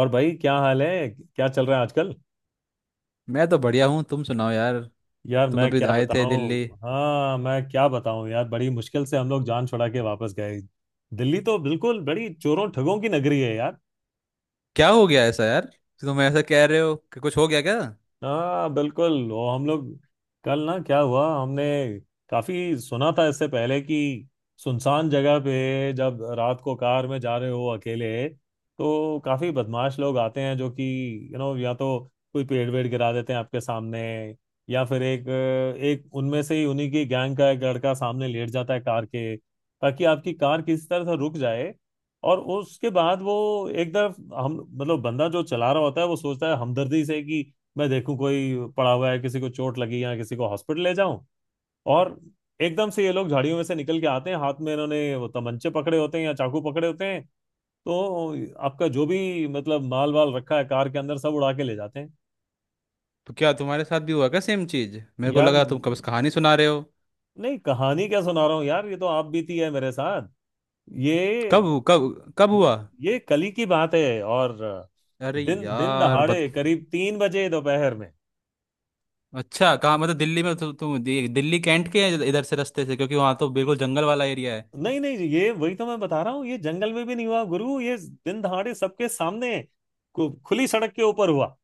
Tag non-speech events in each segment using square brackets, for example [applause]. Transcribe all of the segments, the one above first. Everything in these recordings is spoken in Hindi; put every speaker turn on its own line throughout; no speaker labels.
और भाई क्या हाल है क्या चल रहा है आजकल।
मैं तो बढ़िया हूँ, तुम सुनाओ यार।
यार
तुम
मैं
अभी
क्या
आए थे
बताऊं,
दिल्ली?
हाँ, मैं क्या बताऊं यार, बड़ी मुश्किल से हम लोग जान छुड़ा के वापस गए। दिल्ली तो बिल्कुल बड़ी चोरों ठगों की नगरी है यार।
क्या हो गया ऐसा यार? तुम ऐसा कह रहे हो कि कुछ हो गया क्या?
हाँ बिल्कुल, वो हम लोग कल ना क्या हुआ, हमने काफी सुना था इससे पहले कि सुनसान जगह पे जब रात को कार में जा रहे हो अकेले तो काफी बदमाश लोग आते हैं जो कि यू नो या तो कोई पेड़ वेड़ गिरा देते हैं आपके सामने, या फिर एक एक उनमें से ही उन्हीं की गैंग का एक लड़का सामने लेट जाता है कार के ताकि आपकी कार किसी तरह से रुक जाए। और उसके बाद वो एक तरफ हम, मतलब बंदा जो चला रहा होता है वो सोचता है हमदर्दी से कि मैं देखूं कोई पड़ा हुआ है, किसी को चोट लगी या किसी को हॉस्पिटल ले जाऊं। और एकदम से ये लोग झाड़ियों में से निकल के आते हैं, हाथ में इन्होंने वो तमंचे पकड़े होते हैं या चाकू पकड़े होते हैं। तो आपका जो भी मतलब माल वाल रखा है कार के अंदर सब उड़ा के ले जाते हैं।
तो क्या तुम्हारे साथ भी हुआ क्या सेम चीज? मेरे को
यार
लगा तुम कब से कहानी सुना रहे हो।
नहीं, कहानी क्या सुना रहा हूँ यार, ये तो आप बीती है मेरे साथ। ये
कब कब कब हुआ?
ये कली की बात है। और
अरे
दिन दिन
यार। बत
दहाड़े करीब 3 बजे दोपहर में।
अच्छा कहाँ, मतलब दिल्ली में तुम दिल्ली कैंट के हैं, इधर से रास्ते से, क्योंकि वहाँ तो बिल्कुल जंगल वाला एरिया है।
नहीं नहीं जी, ये वही तो मैं बता रहा हूँ, ये जंगल में भी नहीं हुआ गुरु, ये दिन दहाड़े सबके सामने खुली सड़क के ऊपर हुआ।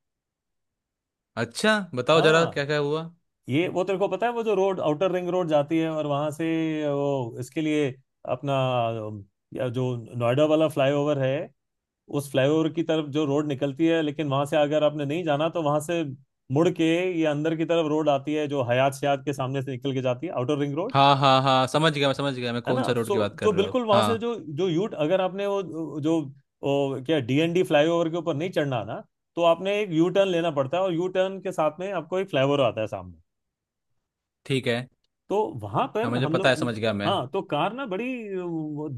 अच्छा बताओ जरा क्या
हाँ,
क्या हुआ।
ये वो तेरे को पता है वो जो रोड आउटर रिंग रोड जाती है, और वहां से वो इसके लिए अपना अम, या जो नोएडा वाला फ्लाईओवर है, उस फ्लाईओवर की तरफ जो रोड निकलती है, लेकिन वहां से अगर आपने नहीं जाना तो वहां से मुड़ के ये अंदर की तरफ रोड आती है जो हयात शयात के सामने से निकल के जाती है आउटर रिंग रोड।
हाँ हाँ हाँ, समझ गया मैं, समझ गया मैं
है ना।
कौन सा रोड
सो
की बात कर
तो
रहे हो,
बिल्कुल वहां से
हाँ।
जो जो यूट अगर आपने वो जो वो क्या डीएनडी फ्लाईओवर के ऊपर नहीं चढ़ना ना, तो आपने एक यू टर्न लेना पड़ता है और यू टर्न के साथ में आपको एक फ्लाईओवर आता है सामने।
ठीक है।
तो वहां
हाँ
पर
मुझे
हम
पता है,
लोग
समझ
मतलब,
गया मैं।
हाँ, तो कार ना बड़ी वो,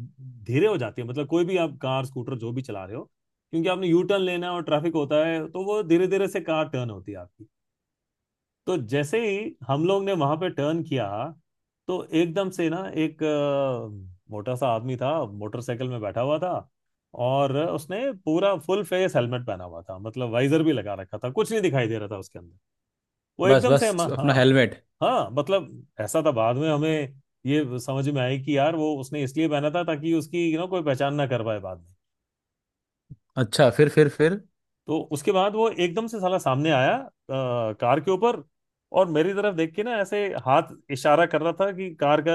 धीरे हो जाती है, मतलब कोई भी आप कार स्कूटर जो भी चला रहे हो क्योंकि आपने यू टर्न लेना है और ट्रैफिक होता है, तो वो धीरे धीरे से कार टर्न होती है आपकी। तो जैसे ही हम लोग ने वहां पे टर्न किया तो एकदम से ना एक मोटा सा आदमी था, मोटरसाइकिल में बैठा हुआ था, और उसने पूरा फुल फेस हेलमेट पहना हुआ था, मतलब वाइजर भी लगा रखा था, कुछ नहीं दिखाई दे रहा था उसके अंदर। वो
बस
एकदम से हम
बस। अपना
हाँ।
हेलमेट।
हाँ, मतलब ऐसा था, बाद में हमें ये समझ में आई कि यार वो उसने इसलिए पहना था ताकि उसकी यू नो कोई पहचान ना कर पाए बाद में।
अच्छा फिर फिर?
तो उसके बाद वो एकदम से साला सामने आया कार के ऊपर, और मेरी तरफ देख के ना ऐसे हाथ इशारा कर रहा था कि कार का,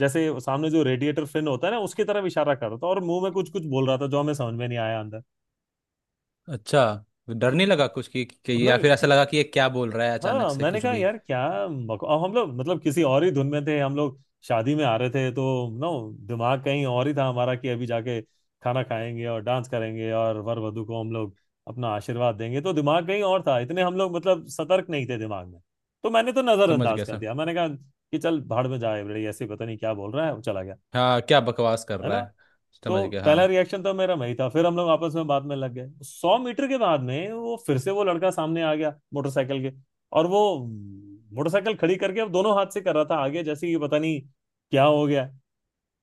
जैसे सामने जो रेडिएटर फिन होता है ना उसकी तरफ इशारा कर रहा था, और मुंह में कुछ कुछ बोल रहा था जो हमें समझ में नहीं आया अंदर।
अच्छा, डर
तो
नहीं लगा कुछ कि
ना,
या फिर ऐसा लगा कि ये क्या बोल रहा है अचानक
हाँ
से
मैंने
कुछ
कहा
भी?
यार क्या, अब हम लोग मतलब किसी और ही धुन में थे हम लोग, शादी में आ रहे थे, तो नो, दिमाग कहीं और ही था हमारा कि अभी जाके खाना खाएंगे और डांस करेंगे और वर वधु को हम लोग अपना आशीर्वाद देंगे, तो दिमाग कहीं और था, इतने हम लोग मतलब सतर्क नहीं थे दिमाग में। तो मैंने तो
समझ
नजरअंदाज
गया
कर
सर।
दिया। मैंने कहा कि चल भाड़ में जाए, बड़े ऐसे ही पता नहीं क्या बोल रहा है, वो चला गया।
हाँ क्या बकवास कर
है
रहा
ना।
है। समझ
तो
गया
पहला
हाँ।
रिएक्शन तो मेरा वही था। फिर हम लोग आपस में बात में लग गए। 100 मीटर के बाद में वो फिर से वो लड़का सामने आ गया मोटरसाइकिल के, और वो मोटरसाइकिल खड़ी करके अब दोनों हाथ से कर रहा था आगे जैसे कि पता नहीं क्या हो गया।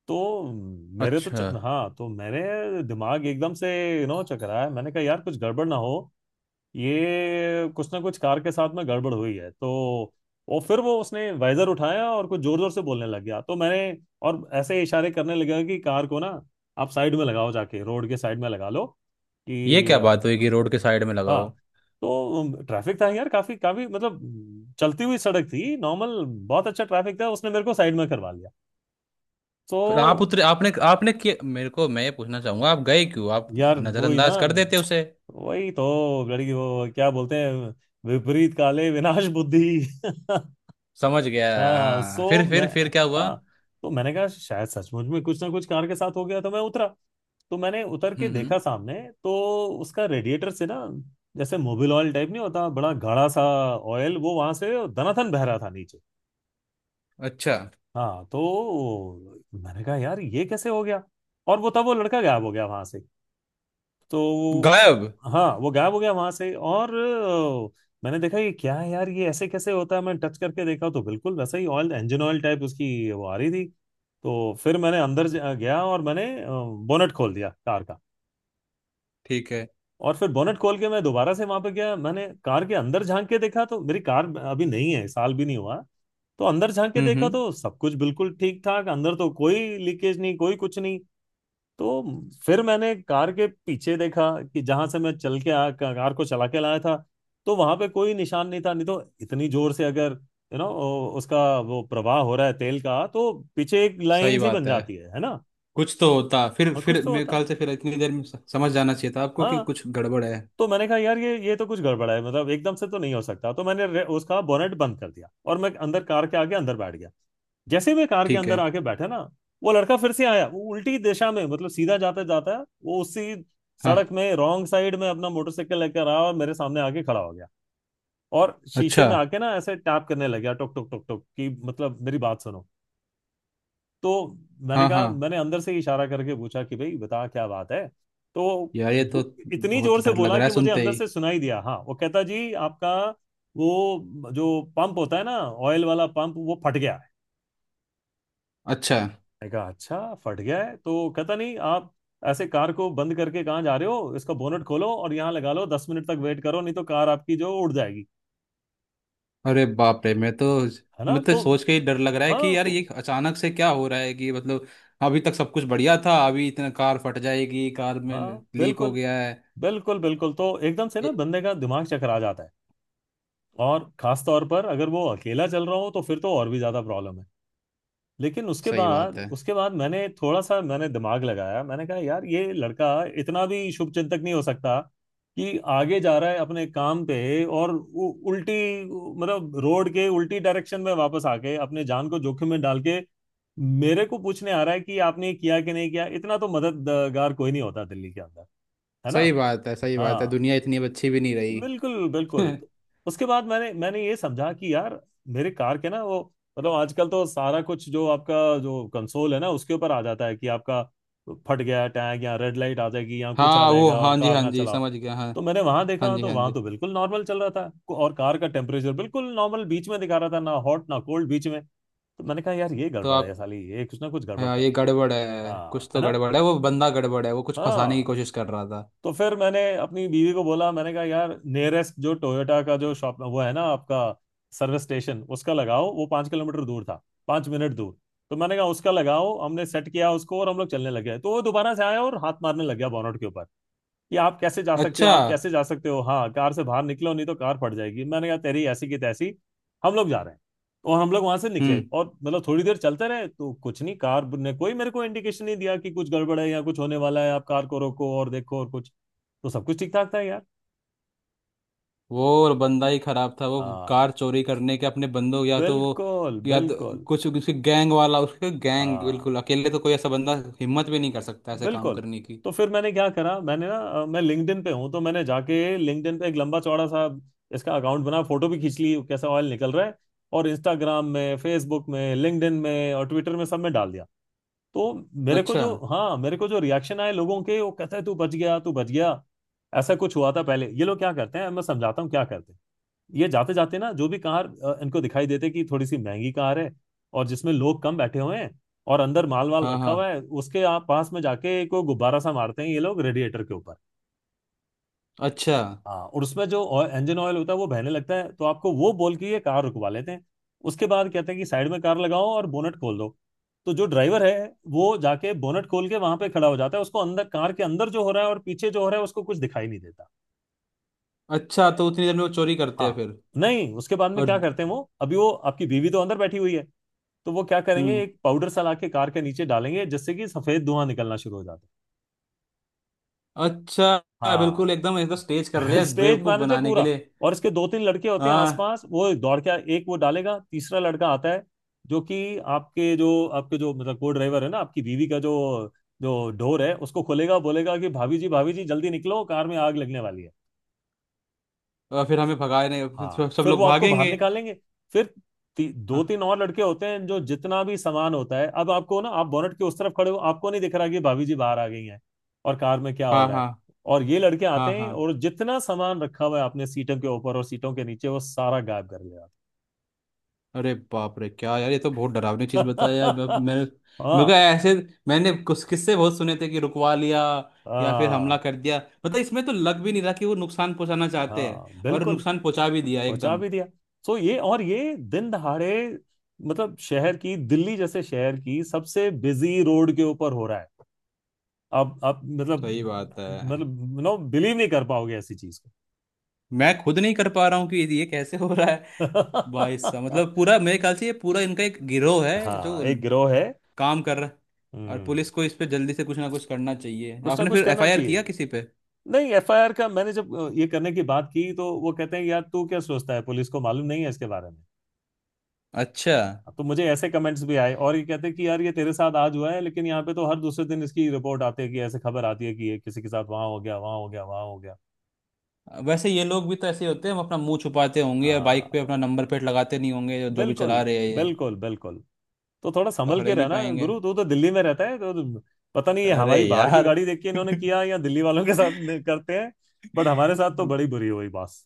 तो मेरे तो
अच्छा।
हाँ, तो मेरे दिमाग एकदम से यू नो चकराया। मैंने कहा यार कुछ गड़बड़ ना हो, ये कुछ ना कुछ कार के साथ में गड़बड़ हुई है। तो और फिर वो उसने वाइजर उठाया और कुछ जोर जोर से बोलने लग गया तो मैंने, और ऐसे इशारे करने लगा कि कार को ना आप साइड में लगाओ, जाके रोड के साइड में लगा लो
ये
कि
क्या बात हुई कि रोड के साइड में लगा
हाँ।
हो?
तो ट्रैफिक था यार, काफी काफी मतलब चलती हुई सड़क थी, नॉर्मल बहुत अच्छा ट्रैफिक था, उसने मेरे को साइड में करवा लिया।
फिर आप
तो
उतरे, आपने आपने कि मेरे को, मैं ये पूछना चाहूंगा आप गए क्यों आप?
यार वही ना,
नजरअंदाज कर देते उसे।
वही तो, लड़की वो क्या बोलते हैं विपरीत काले विनाश बुद्धि [laughs]
समझ गया
हाँ
हाँ।
सो मैं,
फिर क्या हुआ?
हाँ तो मैंने कहा शायद सचमुच में कुछ ना कुछ कार के साथ हो गया, तो मैं उतरा, तो मैंने उतर के
हम्म।
देखा सामने, तो उसका रेडिएटर से ना जैसे मोबिल ऑयल टाइप नहीं होता बड़ा गाढ़ा सा ऑयल, वो वहां से दनाथन बह रहा था नीचे।
अच्छा।
हाँ तो मैंने कहा यार ये कैसे हो गया, और वो तब वो लड़का गायब हो गया वहां से। तो
गायब?
हाँ, वो गायब हो गया वहां से और मैंने देखा ये क्या है यार, ये ऐसे कैसे होता है। मैं टच करके देखा तो बिल्कुल वैसा ही ऑयल इंजन ऑयल टाइप उसकी वो आ रही थी। तो फिर मैंने अंदर गया और मैंने बोनट खोल दिया कार का।
ठीक है।
और फिर बोनट खोल के मैं दोबारा से वहां पे गया, मैंने कार के अंदर झांक के देखा, तो मेरी कार अभी नहीं है, साल भी नहीं हुआ। तो अंदर झांक के देखा
हम्म।
तो सब कुछ बिल्कुल ठीक ठाक अंदर, तो कोई लीकेज नहीं कोई कुछ नहीं। तो फिर मैंने कार के पीछे देखा कि जहां से मैं चल के आ कार को चला के लाया था, तो वहां पे कोई निशान नहीं था, नहीं तो इतनी जोर से अगर यू नो उसका वो प्रवाह हो रहा है तेल का तो पीछे एक
सही
लाइन सी बन
बात है,
जाती है ना,
कुछ तो होता, फिर
और कुछ
फिर
तो
मेरे
होता।
ख्याल से, फिर इतनी देर में समझ जाना चाहिए था आपको कि
हाँ
कुछ गड़बड़ है।
तो मैंने कहा यार ये तो कुछ गड़बड़ है, मतलब एकदम से तो नहीं हो सकता। तो मैंने उसका बोनेट बंद कर दिया और मैं अंदर कार के आगे अंदर बैठ गया। जैसे ही मैं कार के
ठीक
अंदर
है।
आके बैठा ना, वो लड़का फिर से आया, वो उल्टी दिशा में मतलब सीधा जाता जाता वो उसी
हाँ।
सड़क में रॉन्ग साइड में अपना मोटरसाइकिल लेकर आया और मेरे सामने आके खड़ा हो गया। और शीशे
अच्छा।
में आके ना ऐसे टैप करने लग गया टुक टुक टुक टुक कि मतलब मेरी बात सुनो। तो मैंने
हाँ
कहा,
हाँ।
मैंने अंदर से ही इशारा करके पूछा कि भाई बता क्या बात है। तो
यार ये तो
इतनी
बहुत
जोर से
डर लग
बोला
रहा है
कि मुझे
सुनते
अंदर
ही।
से सुनाई दिया, हाँ वो कहता जी आपका वो जो पंप होता है ना ऑयल वाला पंप वो फट गया है।
अच्छा।
मैंने कहा अच्छा फट गया है, तो कहता नहीं आप ऐसे कार को बंद करके कहाँ जा रहे हो, इसका बोनट खोलो और यहाँ लगा लो, 10 मिनट तक वेट करो नहीं तो कार आपकी जो उड़ जाएगी।
अरे बाप रे मैं तो,
है ना।
मतलब
तो
सोच के ही डर लग रहा है कि
हाँ।
यार
तो
ये अचानक से क्या हो रहा है, कि मतलब अभी तक सब कुछ बढ़िया था, अभी इतना कार फट जाएगी, कार में
हाँ
लीक हो
बिल्कुल
गया है।
बिल्कुल बिल्कुल, तो एकदम से ना
ये-
बंदे का दिमाग चकरा जाता है। और खास तौर पर अगर वो अकेला चल रहा हो तो फिर तो और भी ज्यादा प्रॉब्लम है। लेकिन उसके
सही बात
बाद
है,
उसके बाद मैंने थोड़ा सा मैंने दिमाग लगाया। मैंने कहा यार ये लड़का इतना भी शुभ चिंतक नहीं हो सकता कि आगे जा रहा है अपने काम पे, और उल्टी मतलब रोड के उल्टी डायरेक्शन में वापस आके अपने जान को जोखिम में डाल के मेरे को पूछने आ रहा है कि आपने किया कि नहीं किया, इतना तो मददगार कोई नहीं होता दिल्ली के अंदर। है ना।
सही बात है, सही बात है।
हाँ
दुनिया इतनी अब अच्छी भी नहीं रही।
बिल्कुल
[laughs]
बिल्कुल। उसके बाद मैंने मैंने ये समझा कि यार मेरे कार के ना वो, मतलब आजकल तो सारा कुछ जो आपका जो कंसोल है ना उसके ऊपर आ जाता है कि आपका फट गया टैग या रेड लाइट आ जाएगी या कुछ आ
हाँ वो,
जाएगा और
हाँ जी
कार
हाँ
ना
जी,
चलाओ।
समझ गया हाँ।
तो मैंने वहां
हाँ
देखा
जी
तो
हाँ
वहां
जी,
तो बिल्कुल नॉर्मल चल रहा था, और कार का टेम्परेचर बिल्कुल नॉर्मल बीच में दिखा रहा था, ना हॉट ना कोल्ड बीच में। तो मैंने कहा यार ये
तो
गड़बड़ है
आप,
साली, ये कुछ ना कुछ गड़बड़
हाँ,
कर
ये
रहा है।
गड़बड़ है, कुछ
हाँ है
तो
ना।
गड़बड़ है, वो बंदा गड़बड़ है, वो कुछ फंसाने की
हाँ।
कोशिश कर रहा था।
तो फिर मैंने अपनी बीवी को बोला। मैंने कहा यार नियरेस्ट जो टोयोटा का जो शॉप वो है ना आपका सर्विस स्टेशन, उसका लगाओ। वो 5 किलोमीटर दूर था, 5 मिनट दूर। तो मैंने कहा उसका लगाओ, हमने सेट किया उसको और हम लोग चलने लगे। तो वो दोबारा से आया और हाथ मारने लग गया बॉनट के ऊपर कि आप कैसे जा सकते हो
अच्छा।
आप कैसे जा सकते हो, हाँ कार से बाहर निकलो नहीं तो कार फट जाएगी। मैंने कहा तेरी ऐसी की तैसी, हम लोग जा रहे हैं। और हम लोग वहां से निकले
हम्म।
और मतलब थोड़ी देर चलते रहे तो कुछ नहीं। कार ने कोई मेरे को इंडिकेशन नहीं दिया कि कुछ गड़बड़ है या कुछ होने वाला है, आप कार को रोको और देखो और कुछ। तो सब कुछ ठीक ठाक था यार।
वो बंदा ही खराब था, वो
हाँ,
कार चोरी करने के अपने बंदों, या तो वो,
बिल्कुल
या तो
बिल्कुल।
कुछ उसके गैंग वाला, उसके गैंग,
हाँ,
बिल्कुल अकेले तो कोई ऐसा बंदा हिम्मत भी नहीं कर सकता ऐसे काम
बिल्कुल।
करने की।
तो फिर मैंने क्या करा, मैंने ना मैं लिंक्डइन पे हूँ, तो मैंने जाके लिंक्डइन पे एक लंबा चौड़ा सा इसका अकाउंट बना। फोटो भी खींच ली कैसा ऑयल निकल रहा है। और इंस्टाग्राम में, फेसबुक में, लिंक्डइन में और ट्विटर में सब में डाल दिया। तो मेरे को
अच्छा।
जो हाँ मेरे को जो रिएक्शन आए लोगों के, वो कहते हैं तू बच गया, तू बच गया। ऐसा कुछ हुआ था पहले। ये लोग क्या करते हैं मैं समझाता हूँ क्या करते हैं। ये जाते जाते ना जो भी कार इनको दिखाई देते कि थोड़ी सी महंगी कार है और जिसमें लोग कम बैठे हुए हैं और अंदर माल वाल
हाँ
रखा
हाँ।
हुआ है, उसके आप पास में जाके को गुब्बारा सा मारते हैं ये लोग रेडिएटर के ऊपर।
अच्छा।
हाँ, और उसमें जो इंजन ऑयल होता है वो बहने लगता है। तो आपको वो बोल के ये कार रुकवा लेते हैं। उसके बाद कहते हैं कि साइड में कार लगाओ और बोनट खोल दो। तो जो ड्राइवर है वो जाके बोनट खोल के वहां पे खड़ा हो जाता है। उसको अंदर, कार के अंदर जो हो रहा है और पीछे जो हो रहा है, उसको कुछ दिखाई नहीं देता।
अच्छा तो उतनी देर में वो चोरी करते हैं
हाँ,
फिर?
नहीं उसके बाद में
और।
क्या करते हैं वो, अभी वो आपकी बीवी तो अंदर बैठी हुई है। तो वो क्या करेंगे,
हम्म।
एक पाउडर सा ला के कार के नीचे डालेंगे जिससे कि सफेद धुआं निकलना शुरू हो जाता है।
अच्छा, बिल्कुल
हाँ।
एकदम एकदम
[laughs]
स्टेज कर रहे
फिर
हैं
स्टेज
बेवकूफ
मैनेजर
बनाने के
पूरा।
लिए।
और इसके दो तीन लड़के होते हैं
हाँ।
आसपास, वो दौड़ के एक वो डालेगा, तीसरा लड़का आता है जो कि आपके जो मतलब को ड्राइवर है ना, आपकी बीवी का जो जो डोर है उसको खोलेगा, बोलेगा कि भाभी जी, भाभी जी, जल्दी निकलो, कार में आग लगने वाली है।
और फिर हमें भगाने, फिर सब
हाँ,
सब
फिर वो
लोग
आपको बाहर
भागेंगे।
निकालेंगे। फिर दो
हाँ
तीन और लड़के होते हैं, जो जितना भी सामान होता है, अब आपको ना, आप बोनट के उस तरफ खड़े हो, आपको नहीं दिख रहा कि भाभी जी बाहर आ गई हैं और कार में क्या हो
हाँ।
रहा है।
हाँ
और ये लड़के आते
हाँ।
हैं
हाँ।
और जितना सामान रखा हुआ है आपने सीटों के ऊपर और सीटों के नीचे, वो सारा गायब कर दिया।
अरे बाप रे क्या यार, ये तो बहुत डरावनी चीज बताया यार,
[laughs]
मेरे को
हाँ
ऐसे, मैंने कुछ किस्से बहुत सुने थे कि रुकवा लिया या फिर हमला
हाँ।
कर दिया। मतलब इसमें तो लग भी नहीं रहा कि वो नुकसान पहुंचाना चाहते हैं,
हाँ,
और
बिल्कुल।
नुकसान पहुंचा भी दिया
पहुंचा
एकदम।
भी दिया। सो ये, और ये दिन दहाड़े, मतलब शहर की, दिल्ली जैसे शहर की सबसे बिजी रोड के ऊपर हो रहा है। आप मतलब,
सही बात है।
मतलब नो, बिलीव नहीं कर पाओगे ऐसी चीज को।
मैं खुद नहीं कर पा रहा हूँ कि ये कैसे हो रहा है। भाई साहब मतलब
[laughs]
पूरा, मेरे ख्याल से ये पूरा इनका एक गिरोह है जो
हाँ, एक गिरोह है।
काम कर रहा है, और
हम्म,
पुलिस को इस पे जल्दी से कुछ ना कुछ करना चाहिए।
कुछ ना
आपने
कुछ
फिर
करना
एफआईआर
चाहिए।
किया किसी पे?
नहीं, एफआईआर का मैंने जब ये करने की बात की, तो वो कहते हैं यार तू क्या सोचता है पुलिस को मालूम नहीं है इसके बारे में।
अच्छा।
तो मुझे ऐसे कमेंट्स भी आए और ये कहते हैं कि यार ये तेरे साथ आज हुआ है, लेकिन यहाँ पे तो हर दूसरे दिन इसकी रिपोर्ट आती है, कि ऐसे खबर आती है कि ये किसी के साथ वहां हो गया, वहां हो गया, वहां हो गया।
वैसे ये लोग भी तो ऐसे ही होते हैं, हम अपना मुंह छुपाते होंगे या बाइक
हाँ,
पे अपना नंबर प्लेट लगाते नहीं होंगे, जो जो भी चला
बिल्कुल
रहे हैं ये।
बिल्कुल बिल्कुल। तो थोड़ा संभल
पकड़े
के
ही नहीं
रहना
पाएंगे।
गुरु, तू तो दिल्ली में रहता है तो। पता नहीं है
अरे
हमारी बाहर की
यार।
गाड़ी देख के इन्होंने
[laughs]
किया या दिल्ली वालों के साथ करते हैं। बट हमारे साथ तो बड़ी बुरी हुई बॉस।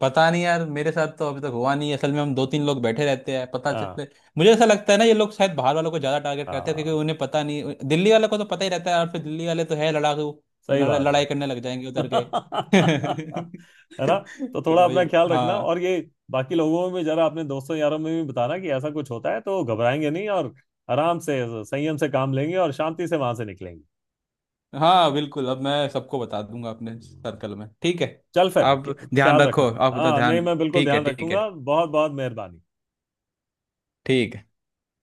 पता नहीं यार, मेरे साथ तो अभी तक हुआ नहीं है। असल में हम दो तीन लोग बैठे रहते हैं पता
हाँ
चलते। मुझे ऐसा लगता है ना, ये लोग शायद बाहर वालों को ज्यादा टारगेट करते हैं, क्योंकि
हाँ,
उन्हें पता नहीं, दिल्ली वालों को तो पता ही रहता है, और फिर दिल्ली वाले तो है लड़ाकू।
सही
लड़ा-
बात है।
लड़ाई करने लग जाएंगे उधर के।
[laughs] है ना।
[laughs]
तो
तो
थोड़ा
वही।
अपना ख्याल रखना।
हाँ।
और ये बाकी लोगों में भी, जरा अपने दोस्तों यारों में भी बताना कि ऐसा कुछ होता है तो घबराएंगे नहीं, और आराम से, संयम से काम लेंगे और शांति से वहां से निकलेंगे।
हाँ बिल्कुल, अब मैं सबको बता दूंगा अपने सर्कल में, ठीक है।
चल
आप,
फिर,
ध्यान
ख्याल
रखो
रखना।
आप अपना
हाँ नहीं,
ध्यान।
मैं बिल्कुल
ठीक है,
ध्यान
ठीक है,
रखूंगा। बहुत बहुत मेहरबानी।
ठीक है।